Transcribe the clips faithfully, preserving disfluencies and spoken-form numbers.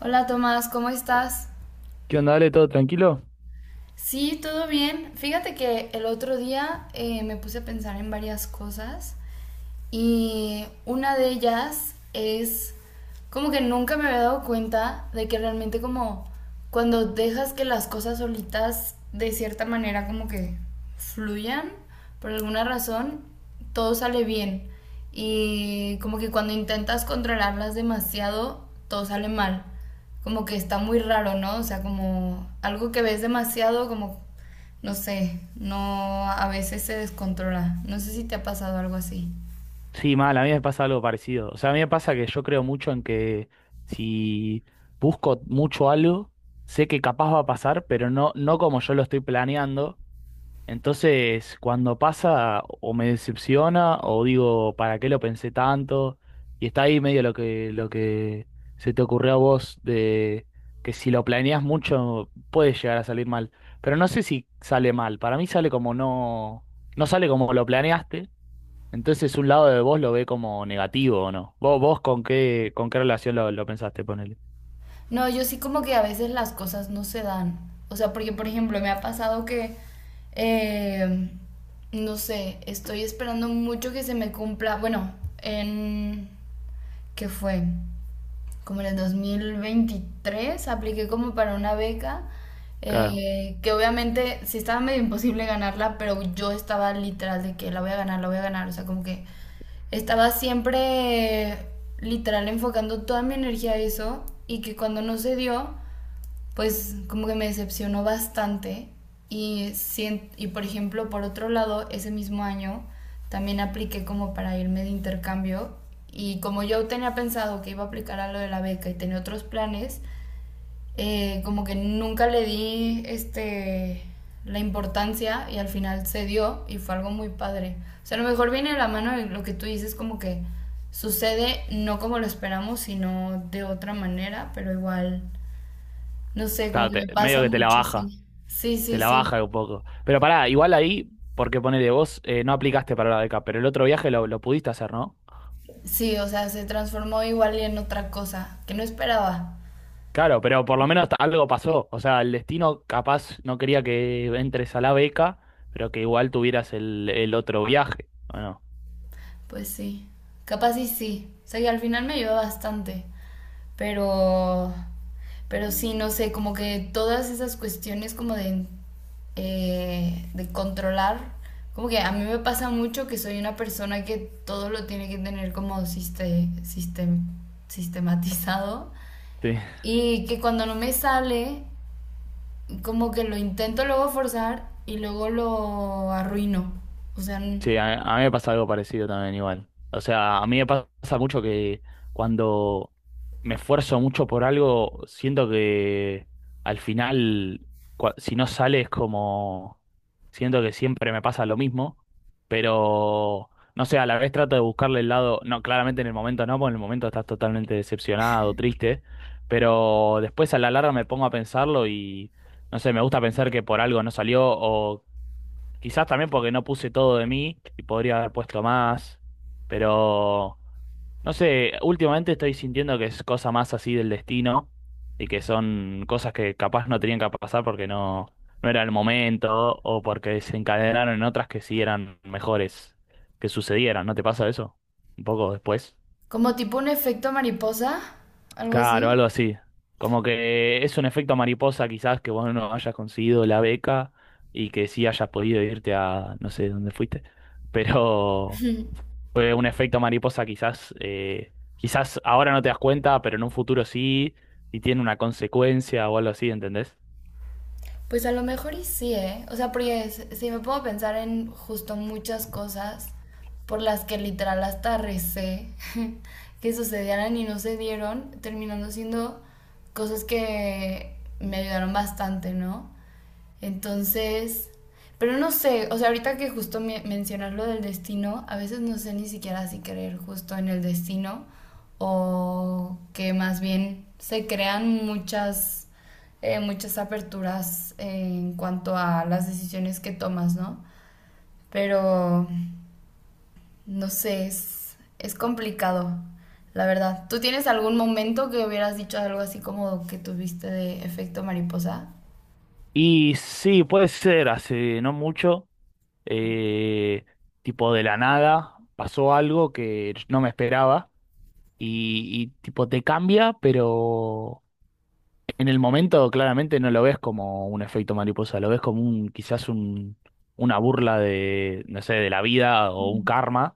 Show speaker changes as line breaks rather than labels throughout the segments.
Hola Tomás, ¿cómo estás?
¿Qué onda? Dale, ¿todo tranquilo?
Sí, todo bien. Fíjate que el otro día eh, me puse a pensar en varias cosas y una de ellas es como que nunca me había dado cuenta de que realmente como cuando dejas que las cosas solitas de cierta manera como que fluyan por alguna razón, todo sale bien. Y como que cuando intentas controlarlas demasiado, todo sale mal. Como que está muy raro, ¿no? O sea, como algo que ves demasiado, como, no sé, no, a veces se descontrola. No sé si te ha pasado algo así.
Sí, mal, a mí me pasa algo parecido. O sea, a mí me pasa que yo creo mucho en que si busco mucho algo, sé que capaz va a pasar, pero no, no como yo lo estoy planeando. Entonces, cuando pasa, o me decepciona, o digo, ¿para qué lo pensé tanto? Y está ahí medio lo que, lo que se te ocurrió a vos de que si lo planeas mucho puede llegar a salir mal. Pero no sé si sale mal. Para mí sale como no, no sale como lo planeaste. Entonces un lado de vos lo ve como negativo, ¿o no? ¿Vos, vos con qué, con qué relación lo, lo pensaste, ponele?
No, yo sí como que a veces las cosas no se dan. O sea, porque por ejemplo me ha pasado que, eh, no sé, estoy esperando mucho que se me cumpla, bueno, en... ¿Qué fue? Como en el dos mil veintitrés, apliqué como para una beca,
Claro,
eh, que obviamente sí estaba medio imposible ganarla, pero yo estaba literal de que la voy a ganar, la voy a ganar, o sea, como que estaba siempre eh, literal enfocando toda mi energía a eso y que cuando no se dio pues como que me decepcionó bastante. Y, sien- y por ejemplo, por otro lado, ese mismo año también apliqué como para irme de intercambio. Y como yo tenía pensado que iba a aplicar a lo de la beca y tenía otros planes, eh, como que nunca le di este, la importancia y al final se dio y fue algo muy padre. O sea, a lo mejor viene de la mano de lo que tú dices, como que sucede no como lo esperamos, sino de otra manera, pero igual no sé, como
claro,
que
te-
me
medio
pasa
que te la
mucho,
baja,
sí. Sí,
te
sí,
la
sí.
baja un poco. Pero pará, igual ahí, porque ponele vos, eh, no aplicaste para la beca, pero el otro viaje lo, lo pudiste hacer, ¿no?
Sí, o sea, se transformó igual y en otra cosa que no esperaba.
Claro, pero por lo menos algo pasó. O sea, el destino capaz no quería que entres a la beca, pero que igual tuvieras el, el otro viaje, ¿o no?
Pues sí. Capaz y sí. O sea, que al final me ayudó bastante. Pero. Pero sí, no sé, como que todas esas cuestiones como de eh, de controlar. Como que a mí me pasa mucho que soy una persona que todo lo tiene que tener como siste- sistem- sistematizado. Y que cuando no me sale como que lo intento luego forzar y luego lo arruino. O sea, n-
Sí, a, a mí me pasa algo parecido también igual. O sea, a mí me pasa mucho que cuando me esfuerzo mucho por algo, siento que al final, cua- si no sale es como, siento que siempre me pasa lo mismo, pero no sé, a la vez trato de buscarle el lado, no, claramente en el momento no, porque en el momento estás totalmente decepcionado, triste, pero después a la larga me pongo a pensarlo y, no sé, me gusta pensar que por algo no salió o quizás también porque no puse todo de mí y podría haber puesto más, pero no sé, últimamente estoy sintiendo que es cosa más así del destino y que son cosas que capaz no tenían que pasar porque no, no era el momento o porque se encadenaron en otras que sí eran mejores que sucedieran. ¿No te pasa eso? Un poco después.
como tipo un efecto mariposa, algo
Claro,
así.
algo así. Como que es un efecto mariposa quizás que vos no hayas conseguido la beca y que sí hayas podido irte a no sé dónde fuiste, pero fue un efecto mariposa quizás, eh, quizás ahora no te das cuenta, pero en un futuro sí y tiene una consecuencia o algo así, ¿entendés?
Pues a lo mejor y sí, ¿eh? O sea, porque s- si me puedo pensar en justo muchas cosas por las que literal hasta recé que sucedieran y no se dieron, terminando siendo cosas que me ayudaron bastante, ¿no? Entonces, pero no sé, o sea, ahorita que justo me mencionas lo del destino, a veces no sé ni siquiera si creer justo en el destino o que más bien se crean muchas, eh, muchas aperturas en cuanto a las decisiones que tomas, ¿no? Pero, no sé, es, es complicado, la verdad. ¿Tú tienes algún momento que hubieras dicho algo así como que tuviste de efecto mariposa?
Y sí, puede ser, hace no mucho, eh, tipo de la nada, pasó algo que no me esperaba y, y tipo te cambia, pero... En el momento claramente no lo ves como un efecto mariposa, lo ves como un quizás un, una burla de, no sé, de la vida o un karma,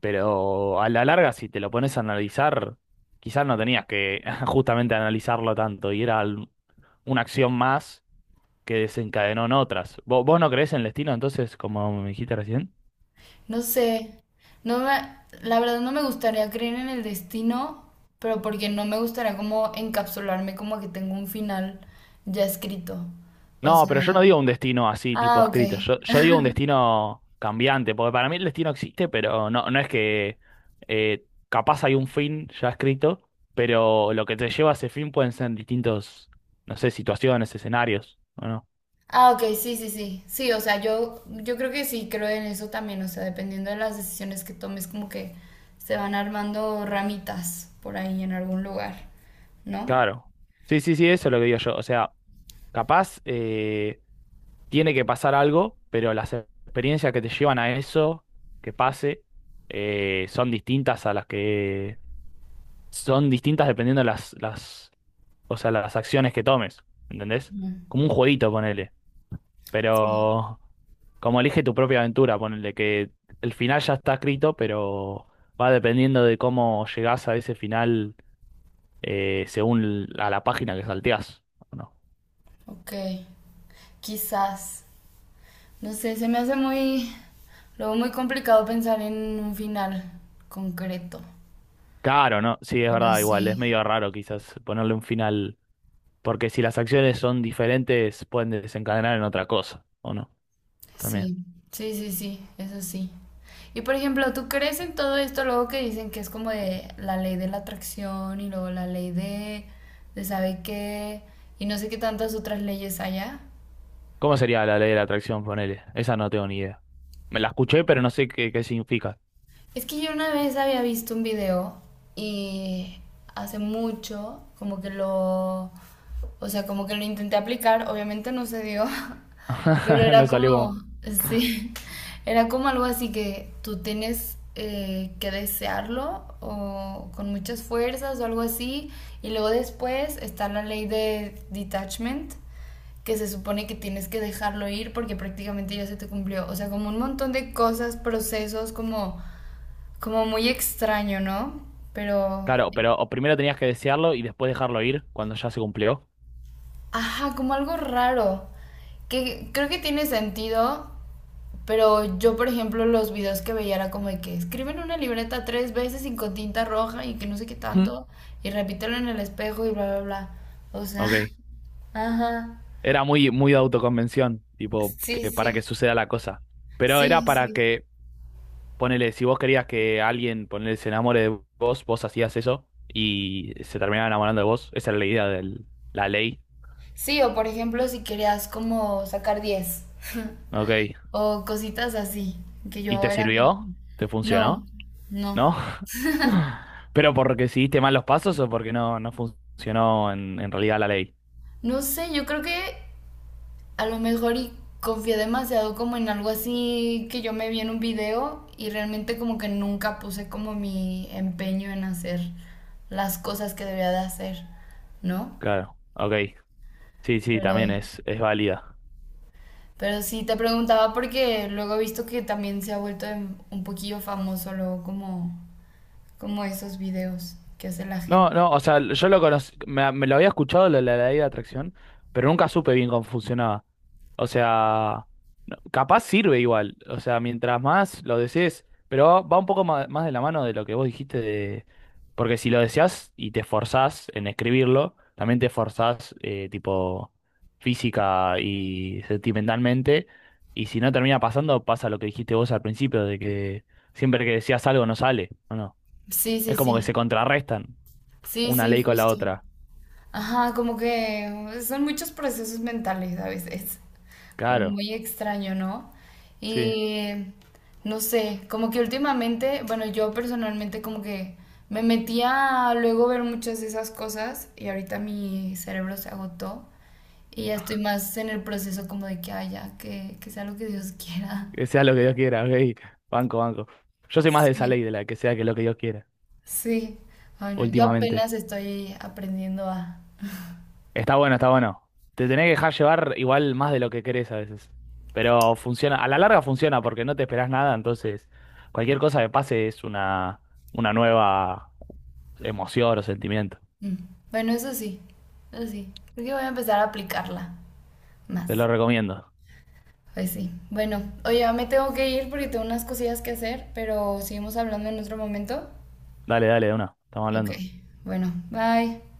pero a la larga si te lo pones a analizar, quizás no tenías que justamente analizarlo tanto y era al- una acción más que desencadenó en otras. ¿Vos, vos no creés en el destino entonces, como me dijiste recién?
No sé, no me, la verdad no me gustaría creer en el destino, pero porque no me gustaría como encapsularme como que tengo un final ya escrito. O
No,
sea,
pero yo no digo un destino así, tipo
ah, ok.
escrito. Yo, yo digo un destino cambiante, porque para mí el destino existe, pero no, no es que eh, capaz hay un fin ya escrito, pero lo que te lleva a ese fin pueden ser distintos, no sé, situaciones, escenarios, ¿o no?
Ah, ok, sí, sí, sí. Sí, o sea, yo, yo creo que sí creo en eso también, o sea, dependiendo de las decisiones que tomes, como que se van armando ramitas por ahí en algún lugar, ¿no?
Claro. Sí, sí, sí, eso es lo que digo yo. O sea, capaz eh, tiene que pasar algo, pero las experiencias que te llevan a eso, que pase, eh, son distintas a las que son distintas dependiendo de las, las o sea, las acciones que tomes, ¿entendés?
Ujú.
Como un jueguito, ponele.
Sí.
Pero como elige tu propia aventura, ponele que el final ya está escrito, pero va dependiendo de cómo llegás a ese final eh, según l- a la página que salteás. ¿O no?
Ok, quizás. No sé, se me hace muy, luego muy complicado pensar en un final concreto,
Claro, ¿no? Sí, es
pero
verdad, igual, es
sí,
medio raro quizás ponerle un final, porque si las acciones son diferentes, pueden desencadenar en otra cosa, ¿o no? También.
sí, sí, sí, sí, eso sí. Y por ejemplo, ¿tú crees en todo esto luego que dicen que es como de la ley de la atracción y luego la ley de, de sabe qué y no sé qué tantas otras leyes haya?
¿Cómo sería la ley de la atracción, ponele? Esa no tengo ni idea. Me la escuché, pero no sé qué, qué significa.
Es que yo una vez había visto un video y hace mucho como que lo, o sea, como que lo intenté aplicar, obviamente no se dio. Pero
No
era
salió como.
como, sí, era como algo así que tú tienes eh, que desearlo o con muchas fuerzas o algo así. Y luego después está la ley de detachment, que se supone que tienes que dejarlo ir porque prácticamente ya se te cumplió. O sea, como un montón de cosas, procesos, como, como muy extraño, ¿no? Pero,
Claro, pero o primero tenías que desearlo y después dejarlo ir cuando ya se cumplió.
ajá, como algo raro que creo que tiene sentido. Pero yo, por ejemplo, los videos que veía era como de que escriben una libreta tres veces y con tinta roja y que no sé qué
Mm.
tanto y repítelo en el espejo y bla, bla, bla. O sea,
Ok.
ajá.
Era muy, muy de autoconvención, tipo,
Sí,
que para
sí.
que suceda la cosa. Pero era
Sí,
para
sí.
que, ponele, si vos querías que alguien, ponele, se enamore de vos, vos hacías eso y se terminaba enamorando de vos. Esa era la idea de la ley.
Sí, o por ejemplo, si querías como sacar diez
Ok.
o cositas así, que
¿Y
yo
te
era como,
sirvió? ¿Te
no,
funcionó?
no.
¿No? ¿Pero porque seguiste mal los pasos o porque no, no funcionó en, en realidad la ley?
No sé, yo creo que a lo mejor y confié demasiado como en algo así que yo me vi en un video y realmente como que nunca puse como mi empeño en hacer las cosas que debería de hacer, ¿no?
Claro. Ok. Sí, sí,
Pero,
también es, es válida.
pero sí te preguntaba porque luego he visto que también se ha vuelto en- un poquillo famoso luego como, como esos videos que hace la
No,
gente.
no, o sea, yo lo conocí, me, me lo había escuchado lo de la ley de atracción, pero nunca supe bien cómo funcionaba. O sea, no- capaz sirve igual, o sea, mientras más lo desees, pero va va un poco ma- más, de la mano de lo que vos dijiste de... Porque si lo deseas y te esforzás en escribirlo, también te esforzás eh, tipo física y sentimentalmente, y si no termina pasando, pasa lo que dijiste vos al principio, de que siempre que deseas algo no sale, ¿o no?
Sí, sí,
Es como que
sí.
se contrarrestan
Sí,
una
sí,
ley con la
justo.
otra.
Ajá, como que son muchos procesos mentales a veces.
Claro,
Muy extraño, ¿no?
sí.
Y no sé, como que últimamente, bueno, yo personalmente como que me metía a luego ver muchas de esas cosas y ahorita mi cerebro se agotó y ya estoy más en el proceso como de que haya, que, que sea lo que Dios quiera.
Que sea lo que Dios quiera, ok. Banco, banco. Yo soy más de esa
Sí.
ley, de la que sea que lo que Dios quiera,
Sí, bueno, yo
últimamente.
apenas estoy aprendiendo a...
Está bueno, está bueno. Te tenés que dejar llevar igual más de lo que querés a veces. Pero funciona, a la larga funciona porque no te esperás nada, entonces cualquier cosa que pase es una, una nueva emoción o sentimiento.
Mm. Bueno, eso sí, eso sí. Creo que voy a empezar a aplicarla.
Te
Más.
lo recomiendo.
Pues sí. Bueno, oye, ya me tengo que ir porque tengo unas cosillas que hacer, pero seguimos hablando en otro momento.
Dale, dale, de una. Estamos
Ok.
hablando.
Bueno, bye.